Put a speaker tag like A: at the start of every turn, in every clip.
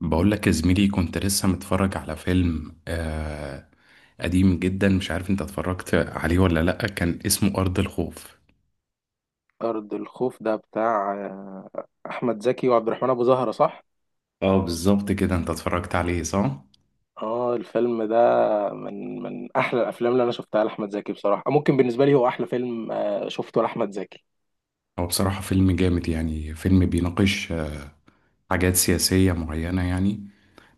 A: بقول لك يا زميلي، كنت لسه متفرج على فيلم قديم جدا. مش عارف انت اتفرجت عليه ولا لأ، كان اسمه أرض الخوف.
B: أرض الخوف ده بتاع أحمد زكي وعبد الرحمن أبو زهرة صح؟
A: اه بالظبط كده، انت اتفرجت عليه صح؟
B: اه، الفيلم ده من أحلى الأفلام اللي أنا شفتها لأحمد زكي، بصراحة ممكن بالنسبة لي هو أحلى فيلم شفته لأحمد زكي.
A: هو بصراحة فيلم جامد يعني، فيلم بيناقش حاجات سياسية معينة يعني.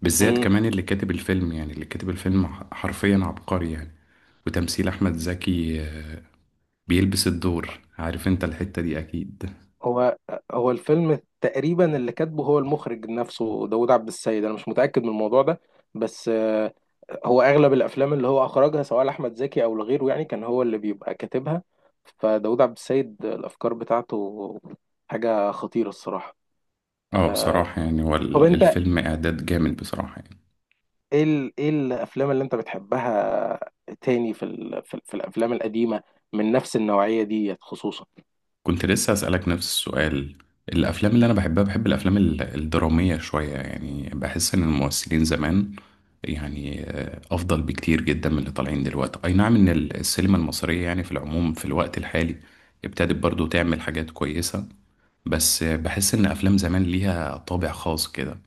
A: بالذات
B: مم.
A: كمان اللي كاتب الفيلم، يعني اللي كاتب الفيلم حرفيا عبقري يعني. وتمثيل أحمد زكي بيلبس الدور، عارف انت الحتة دي أكيد.
B: هو هو الفيلم تقريبا اللي كاتبه هو المخرج نفسه داود عبد السيد، أنا مش متأكد من الموضوع ده. بس هو أغلب الأفلام اللي هو أخرجها سواء لأحمد زكي أو لغيره، يعني كان هو اللي بيبقى كاتبها. فداود عبد السيد الأفكار بتاعته حاجة خطيرة الصراحة.
A: اه
B: آه،
A: بصراحة يعني هو
B: طب انت
A: الفيلم إعداد جامد بصراحة يعني.
B: ايه الافلام اللي انت بتحبها تاني في الافلام القديمه من نفس النوعيه دي خصوصا؟
A: كنت لسه أسألك نفس السؤال. الأفلام اللي أنا بحبها، بحب الأفلام الدرامية شوية. يعني بحس إن الممثلين زمان يعني أفضل بكتير جدا من اللي طالعين دلوقتي. أي نعم إن السينما المصرية يعني في العموم في الوقت الحالي ابتدت برضو تعمل حاجات كويسة، بس بحس إن أفلام زمان ليها طابع خاص كده.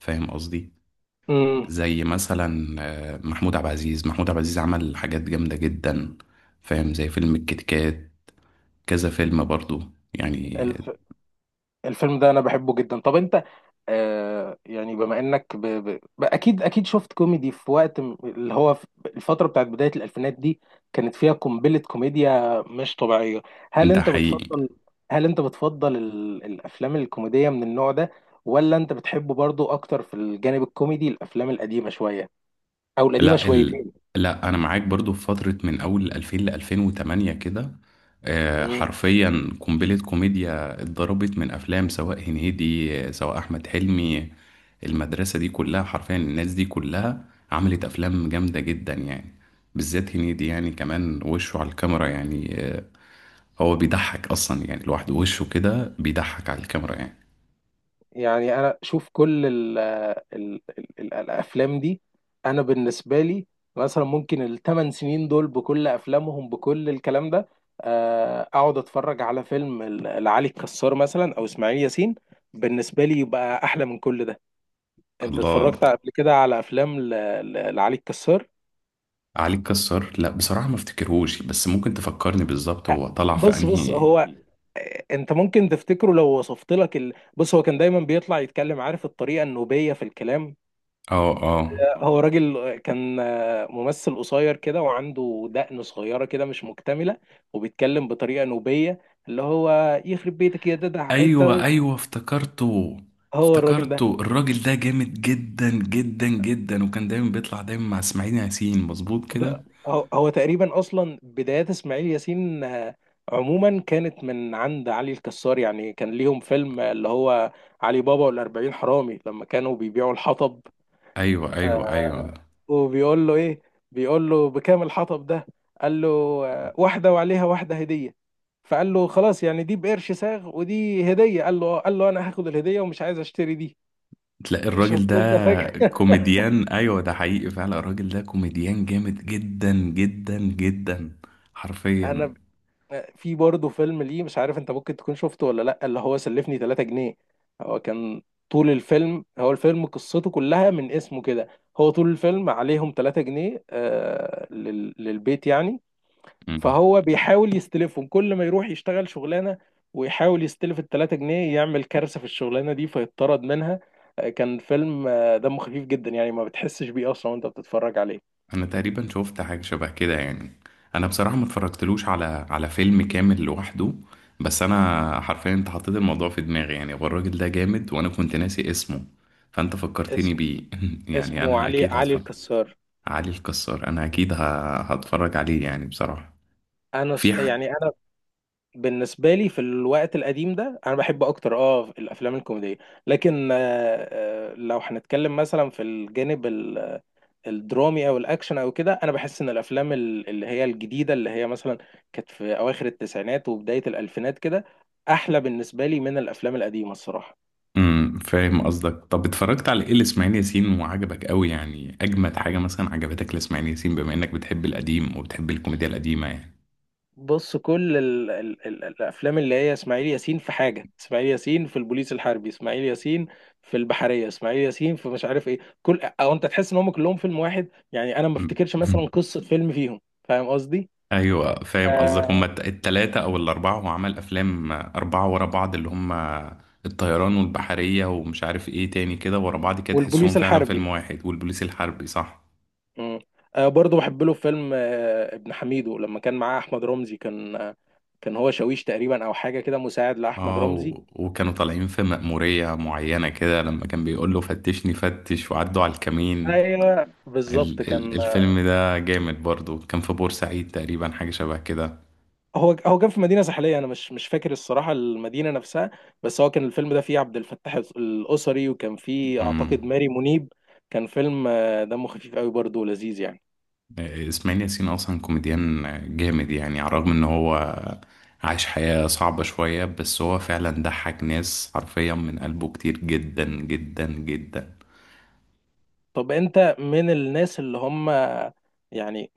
A: فاهم قصدي؟
B: امم
A: زي مثلا محمود عبد العزيز. محمود عبد العزيز عمل حاجات جامدة جدا، فاهم؟ زي فيلم الكيت كات، كذا فيلم برضو يعني.
B: الف... الفيلم ده انا بحبه جدا. طب انت يعني بما انك اكيد اكيد شفت كوميدي في وقت اللي هو في الفتره بتاعت بدايه الالفينات دي كانت فيها قنبله كوميديا مش طبيعيه. هل
A: ده
B: انت
A: حقيقي.
B: بتفضل هل انت بتفضل الافلام الكوميديه من النوع ده؟ ولا انت بتحبه برضو اكتر في الجانب الكوميدي الافلام القديمه شويه او القديمه
A: لا
B: شويتين؟
A: لا انا معاك برضو. في فترة من اول 2000 ل 2008 كده
B: مم.
A: حرفيا قنبلة كوميديا اتضربت من افلام، سواء هنيدي سواء احمد حلمي. المدرسة دي كلها، حرفيا الناس دي كلها عملت افلام جامدة جدا يعني. بالذات هنيدي يعني، كمان وشه على الكاميرا يعني هو بيضحك اصلا يعني لوحده، وشه كده بيضحك على الكاميرا يعني.
B: يعني انا شوف كل ال ال ال ال الافلام دي. انا بالنسبه لي مثلا ممكن الثمان سنين دول بكل افلامهم بكل الكلام ده، اقعد اتفرج على فيلم لعلي الكسار مثلا او اسماعيل ياسين، بالنسبه لي يبقى احلى من كل ده. انت
A: الله.
B: اتفرجت قبل كده على افلام لعلي الكسار؟
A: علي الكسار، لا بصراحة ما افتكرهوش، بس ممكن تفكرني بالظبط
B: آه،
A: هو طلع في
B: بص بص،
A: انهي؟
B: هو انت ممكن تفتكره لو وصفت لك بص، هو كان دايما بيطلع يتكلم، عارف الطريقه النوبيه في الكلام.
A: اه اه.
B: هو راجل كان ممثل قصير كده وعنده دقن صغيرة كده مش مكتملة، وبيتكلم بطريقة نوبية، اللي هو يخرب بيتك يا ددع
A: ايوه
B: انت.
A: ايوه افتكرته.
B: هو الراجل ده.
A: افتكرته الراجل ده جامد جدا جدا جدا، وكان دايما بيطلع دايما مع اسماعيل ياسين، مظبوط كده.
B: ب- هو هو تقريبا اصلا بدايات اسماعيل ياسين عموما كانت من عند علي الكسار. يعني كان ليهم فيلم اللي هو علي بابا والأربعين حرامي، لما كانوا بيبيعوا الحطب،
A: ايوه
B: آه،
A: ايوه ايوه.
B: وبيقول له ايه، بيقول له بكام الحطب ده، قال له واحده وعليها واحده هديه، فقال له خلاص يعني دي بقرش ساغ ودي هديه، قال له قال له انا هاخد الهديه ومش عايز اشتري دي.
A: تلاقي الراجل
B: شفت
A: ده
B: انت فجأة؟
A: كوميديان. ايوه ده حقيقي فعلا، الراجل ده كوميديان جامد جدا جدا جدا
B: انا
A: حرفيا.
B: ب- آه، في برضه فيلم ليه مش عارف انت ممكن تكون شفته ولا لا، اللي هو سلفني 3 جنيه. هو كان طول الفيلم، هو الفيلم قصته كلها من اسمه كده، هو طول الفيلم عليهم 3 جنيه للبيت يعني، فهو بيحاول يستلفهم. كل ما يروح يشتغل شغلانه ويحاول يستلف التلاتة جنيه يعمل كارثه في الشغلانه دي فيطرد منها. كان فيلم دمه خفيف جدا يعني، ما بتحسش بيه اصلا وانت بتتفرج عليه.
A: انا تقريبا شفت حاجه شبه كده يعني. انا بصراحه ما اتفرجتلوش على على فيلم كامل لوحده، بس انا حرفيا انت حطيت الموضوع في دماغي. يعني هو الراجل ده جامد، وانا كنت ناسي اسمه، فانت فكرتني
B: اسم
A: بيه. يعني
B: اسمه
A: انا
B: علي
A: اكيد
B: علي
A: هتفرج.
B: الكسار.
A: علي الكسار، انا اكيد هتفرج عليه يعني بصراحه. في ح...
B: يعني انا بالنسبه لي في الوقت القديم ده انا بحب اكتر اه الافلام الكوميديه. لكن لو هنتكلم مثلا في الجانب الدرامي او الاكشن او كده، انا بحس ان الافلام اللي هي الجديده، اللي هي مثلا كانت في اواخر التسعينات وبدايه الالفينات كده، احلى بالنسبه لي من الافلام القديمه الصراحه.
A: امم. فاهم قصدك. طب اتفرجت على ايه لاسماعيل ياسين وعجبك قوي؟ يعني اجمد حاجه مثلا عجبتك لاسماعيل ياسين، بما انك بتحب القديم وبتحب الكوميديا القديمه يعني.
B: بص، كل ال ال ال الافلام اللي هي اسماعيل ياسين في حاجه، اسماعيل ياسين في البوليس الحربي، اسماعيل ياسين في البحريه، اسماعيل ياسين في مش عارف ايه، كل او انت تحس ان هم كلهم فيلم واحد يعني. انا ما افتكرش مثلا قصه فيلم فيهم. فاهم قصدي؟
A: ايوه فاهم قصدك. هما
B: آه
A: التلاتة او الاربعة، هو عمل افلام اربعة ورا بعض، اللي هما الطيران والبحرية ومش عارف ايه تاني كده ورا بعض كده، تحسهم
B: والبوليس
A: فعلا
B: الحربي.
A: فيلم واحد، والبوليس الحربي صح.
B: مم. برضه بحب له فيلم ابن حميدو لما كان معاه احمد رمزي. كان هو شاويش تقريبا او حاجه كده مساعد لاحمد
A: اه،
B: رمزي.
A: وكانوا طالعين في مأمورية معينة كده، لما كان بيقول له فتشني فتش وعدوا على الكمين.
B: ايوه، بالظبط
A: ال
B: كان آه،
A: الفيلم ده جامد برضو، كان في بورسعيد تقريبا، حاجة شبه كده.
B: هو هو كان في مدينه ساحليه، انا مش فاكر الصراحه المدينه نفسها، بس هو كان الفيلم ده فيه عبد الفتاح الاسري وكان فيه
A: امم.
B: اعتقد ماري منيب. كان فيلم دمه خفيف قوي برضه ولذيذ يعني.
A: اسماعيل ياسين اصلا كوميديان جامد يعني، على الرغم ان هو عايش حياة صعبة شوية، بس هو فعلا ضحك ناس حرفيا من قلبه كتير جدا جدا جدا.
B: طب انت من الناس اللي هم يعني،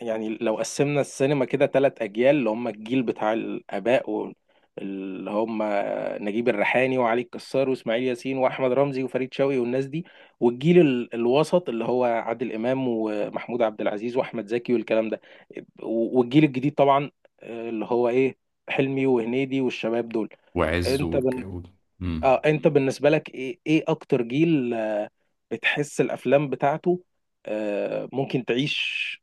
B: يعني لو قسمنا السينما كده ثلاث اجيال: اللي هم الجيل بتاع الاباء، واللي هم نجيب الريحاني وعلي الكسار واسماعيل ياسين واحمد رمزي وفريد شوقي والناس دي، والجيل الوسط اللي هو عادل امام ومحمود عبد العزيز واحمد زكي والكلام ده، والجيل الجديد طبعا اللي هو ايه، حلمي وهنيدي والشباب دول.
A: وعز
B: انت
A: مم.
B: اه انت بالنسبه لك ايه اكتر جيل بتحس الافلام بتاعته ممكن تعيش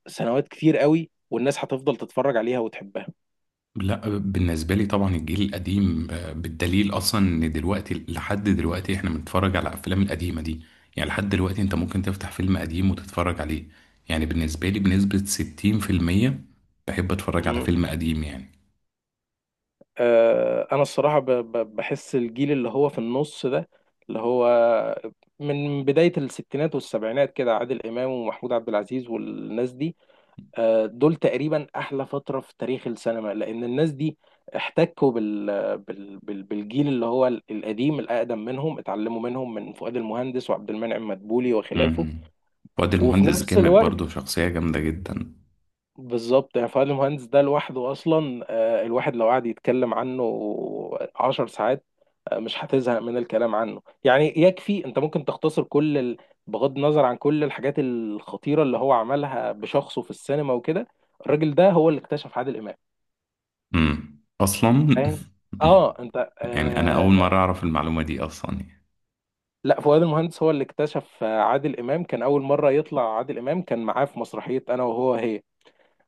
B: سنوات كتير قوي والناس هتفضل تتفرج عليها وتحبها؟
A: لا بالنسبة لي طبعا الجيل القديم، بالدليل اصلا ان دلوقتي لحد دلوقتي احنا بنتفرج على الافلام القديمة دي. يعني لحد دلوقتي انت ممكن تفتح فيلم قديم وتتفرج عليه. يعني بالنسبة لي بنسبة 60% بحب اتفرج على
B: مم.
A: فيلم قديم يعني.
B: انا الصراحه بحس الجيل اللي هو في النص ده، اللي هو من بدايه الستينات والسبعينات كده، عادل امام ومحمود عبد العزيز والناس دي، دول تقريبا احلى فتره في تاريخ السينما، لان الناس دي احتكوا بالجيل اللي هو القديم الاقدم منهم، اتعلموا منهم، من فؤاد المهندس وعبد المنعم مدبولي وخلافه.
A: مم. وادي
B: وفي
A: المهندس
B: نفس
A: جامد
B: الوقت،
A: برضه، شخصية جامدة جدا.
B: بالظبط يعني فؤاد المهندس ده لوحده اصلا، الواحد لو قعد يتكلم عنه عشر ساعات مش هتزهق من الكلام عنه. يعني يكفي انت ممكن تختصر كل بغض النظر عن كل الحاجات الخطيره اللي هو عملها بشخصه في السينما وكده، الراجل ده هو اللي اكتشف عادل امام.
A: مم أصلا.
B: فاهم؟ اه، انت
A: يعني أنا أول
B: آه
A: مرة أعرف المعلومة دي أصلا يعني.
B: لا، فؤاد المهندس هو اللي اكتشف عادل امام. كان اول مره يطلع عادل امام كان معاه في مسرحيه انا وهو هي.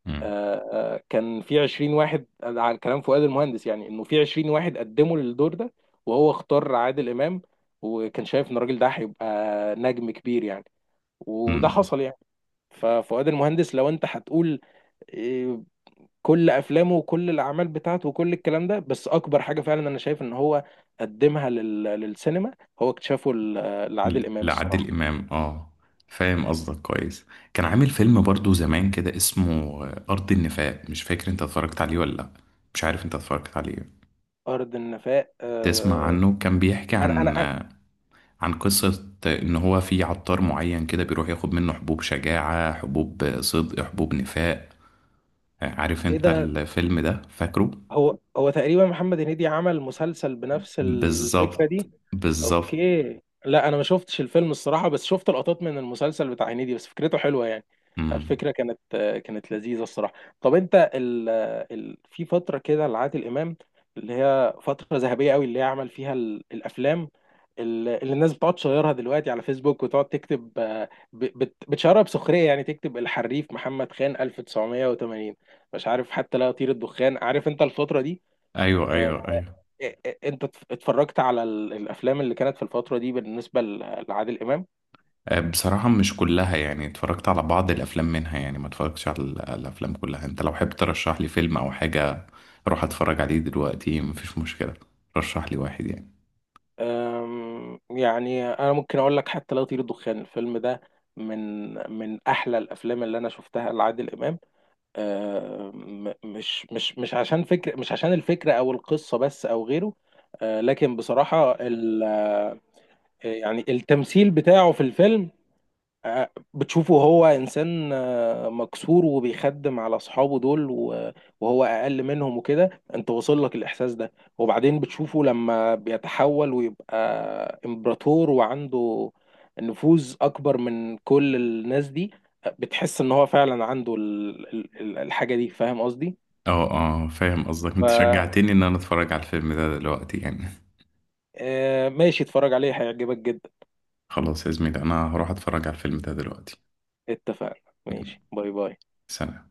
A: مم.
B: آه كان في 20 واحد على كلام فؤاد المهندس، يعني انه في 20 واحد قدموا للدور ده وهو اختار عادل امام، وكان شايف ان الراجل ده هيبقى نجم كبير يعني، وده
A: مم.
B: حصل يعني. ففؤاد المهندس لو انت هتقول آه، كل افلامه وكل الاعمال بتاعته وكل الكلام ده، بس اكبر حاجه فعلا انا شايف ان هو قدمها للسينما هو اكتشافه لعادل امام
A: لعادل
B: الصراحه.
A: إمام، آه فاهم قصدك كويس. كان عامل فيلم برضه زمان كده اسمه أرض النفاق. مش فاكر أنت اتفرجت عليه ولا لأ، مش عارف أنت اتفرجت عليه
B: ارض النفاق.
A: تسمع
B: آه،
A: عنه. كان بيحكي
B: انا
A: عن
B: انا انا
A: عن قصة إن هو في عطار معين كده بيروح ياخد منه حبوب شجاعة، حبوب صدق، حبوب نفاق. عارف
B: ايه
A: انت
B: ده؟
A: الفيلم ده؟ فاكره؟
B: هو هو تقريبا محمد هنيدي عمل مسلسل بنفس الفكرة
A: بالظبط.
B: دي.
A: بالظبط.
B: اوكي، لا انا ما شفتش الفيلم الصراحة، بس شفت لقطات من المسلسل بتاع هنيدي، بس فكرته حلوة يعني.
A: امم.
B: الفكرة كانت لذيذة الصراحة. طب انت في فترة كده لعادل امام، اللي هي فترة ذهبية قوي، اللي هي عمل فيها الافلام اللي الناس بتقعد تشيرها دلوقتي على فيسبوك وتقعد تكتب بتشيرها بسخرية، يعني تكتب الحريف محمد خان 1980، مش عارف، حتى لا يطير الدخان، عارف انت الفترة دي؟
A: ايوه
B: آه،
A: ايوه ايوه.
B: انت اتفرجت على الافلام اللي كانت في الفترة دي بالنسبة لعادل امام؟
A: بصراحة مش كلها يعني، اتفرجت على بعض الافلام منها يعني، ما اتفرجتش على الافلام كلها. انت لو حابب ترشح لي فيلم او حاجة اروح اتفرج عليه دلوقتي، مفيش مشكلة. رشح لي واحد يعني.
B: يعني انا ممكن اقول لك حتى لا يطير الدخان، الفيلم ده من احلى الافلام اللي انا شفتها لعادل امام. آم، م- مش مش مش عشان فكرة، مش عشان الفكرة او القصة بس او غيره، لكن بصراحة يعني التمثيل بتاعه في الفيلم، بتشوفه هو إنسان مكسور وبيخدم على أصحابه دول وهو أقل منهم وكده، أنت واصل لك الإحساس ده، وبعدين بتشوفه لما بيتحول ويبقى إمبراطور وعنده نفوذ أكبر من كل الناس دي، بتحس إن هو فعلا عنده الحاجة دي. فاهم قصدي؟
A: اه اه فاهم قصدك،
B: ف
A: انت شجعتني ان انا اتفرج على الفيلم ده دلوقتي يعني.
B: آه، ماشي اتفرج عليه هيعجبك جدا.
A: خلاص يا زميلي، انا هروح اتفرج على الفيلم ده دلوقتي.
B: اتفقنا،
A: يلا،
B: ماشي، باي باي.
A: سلام.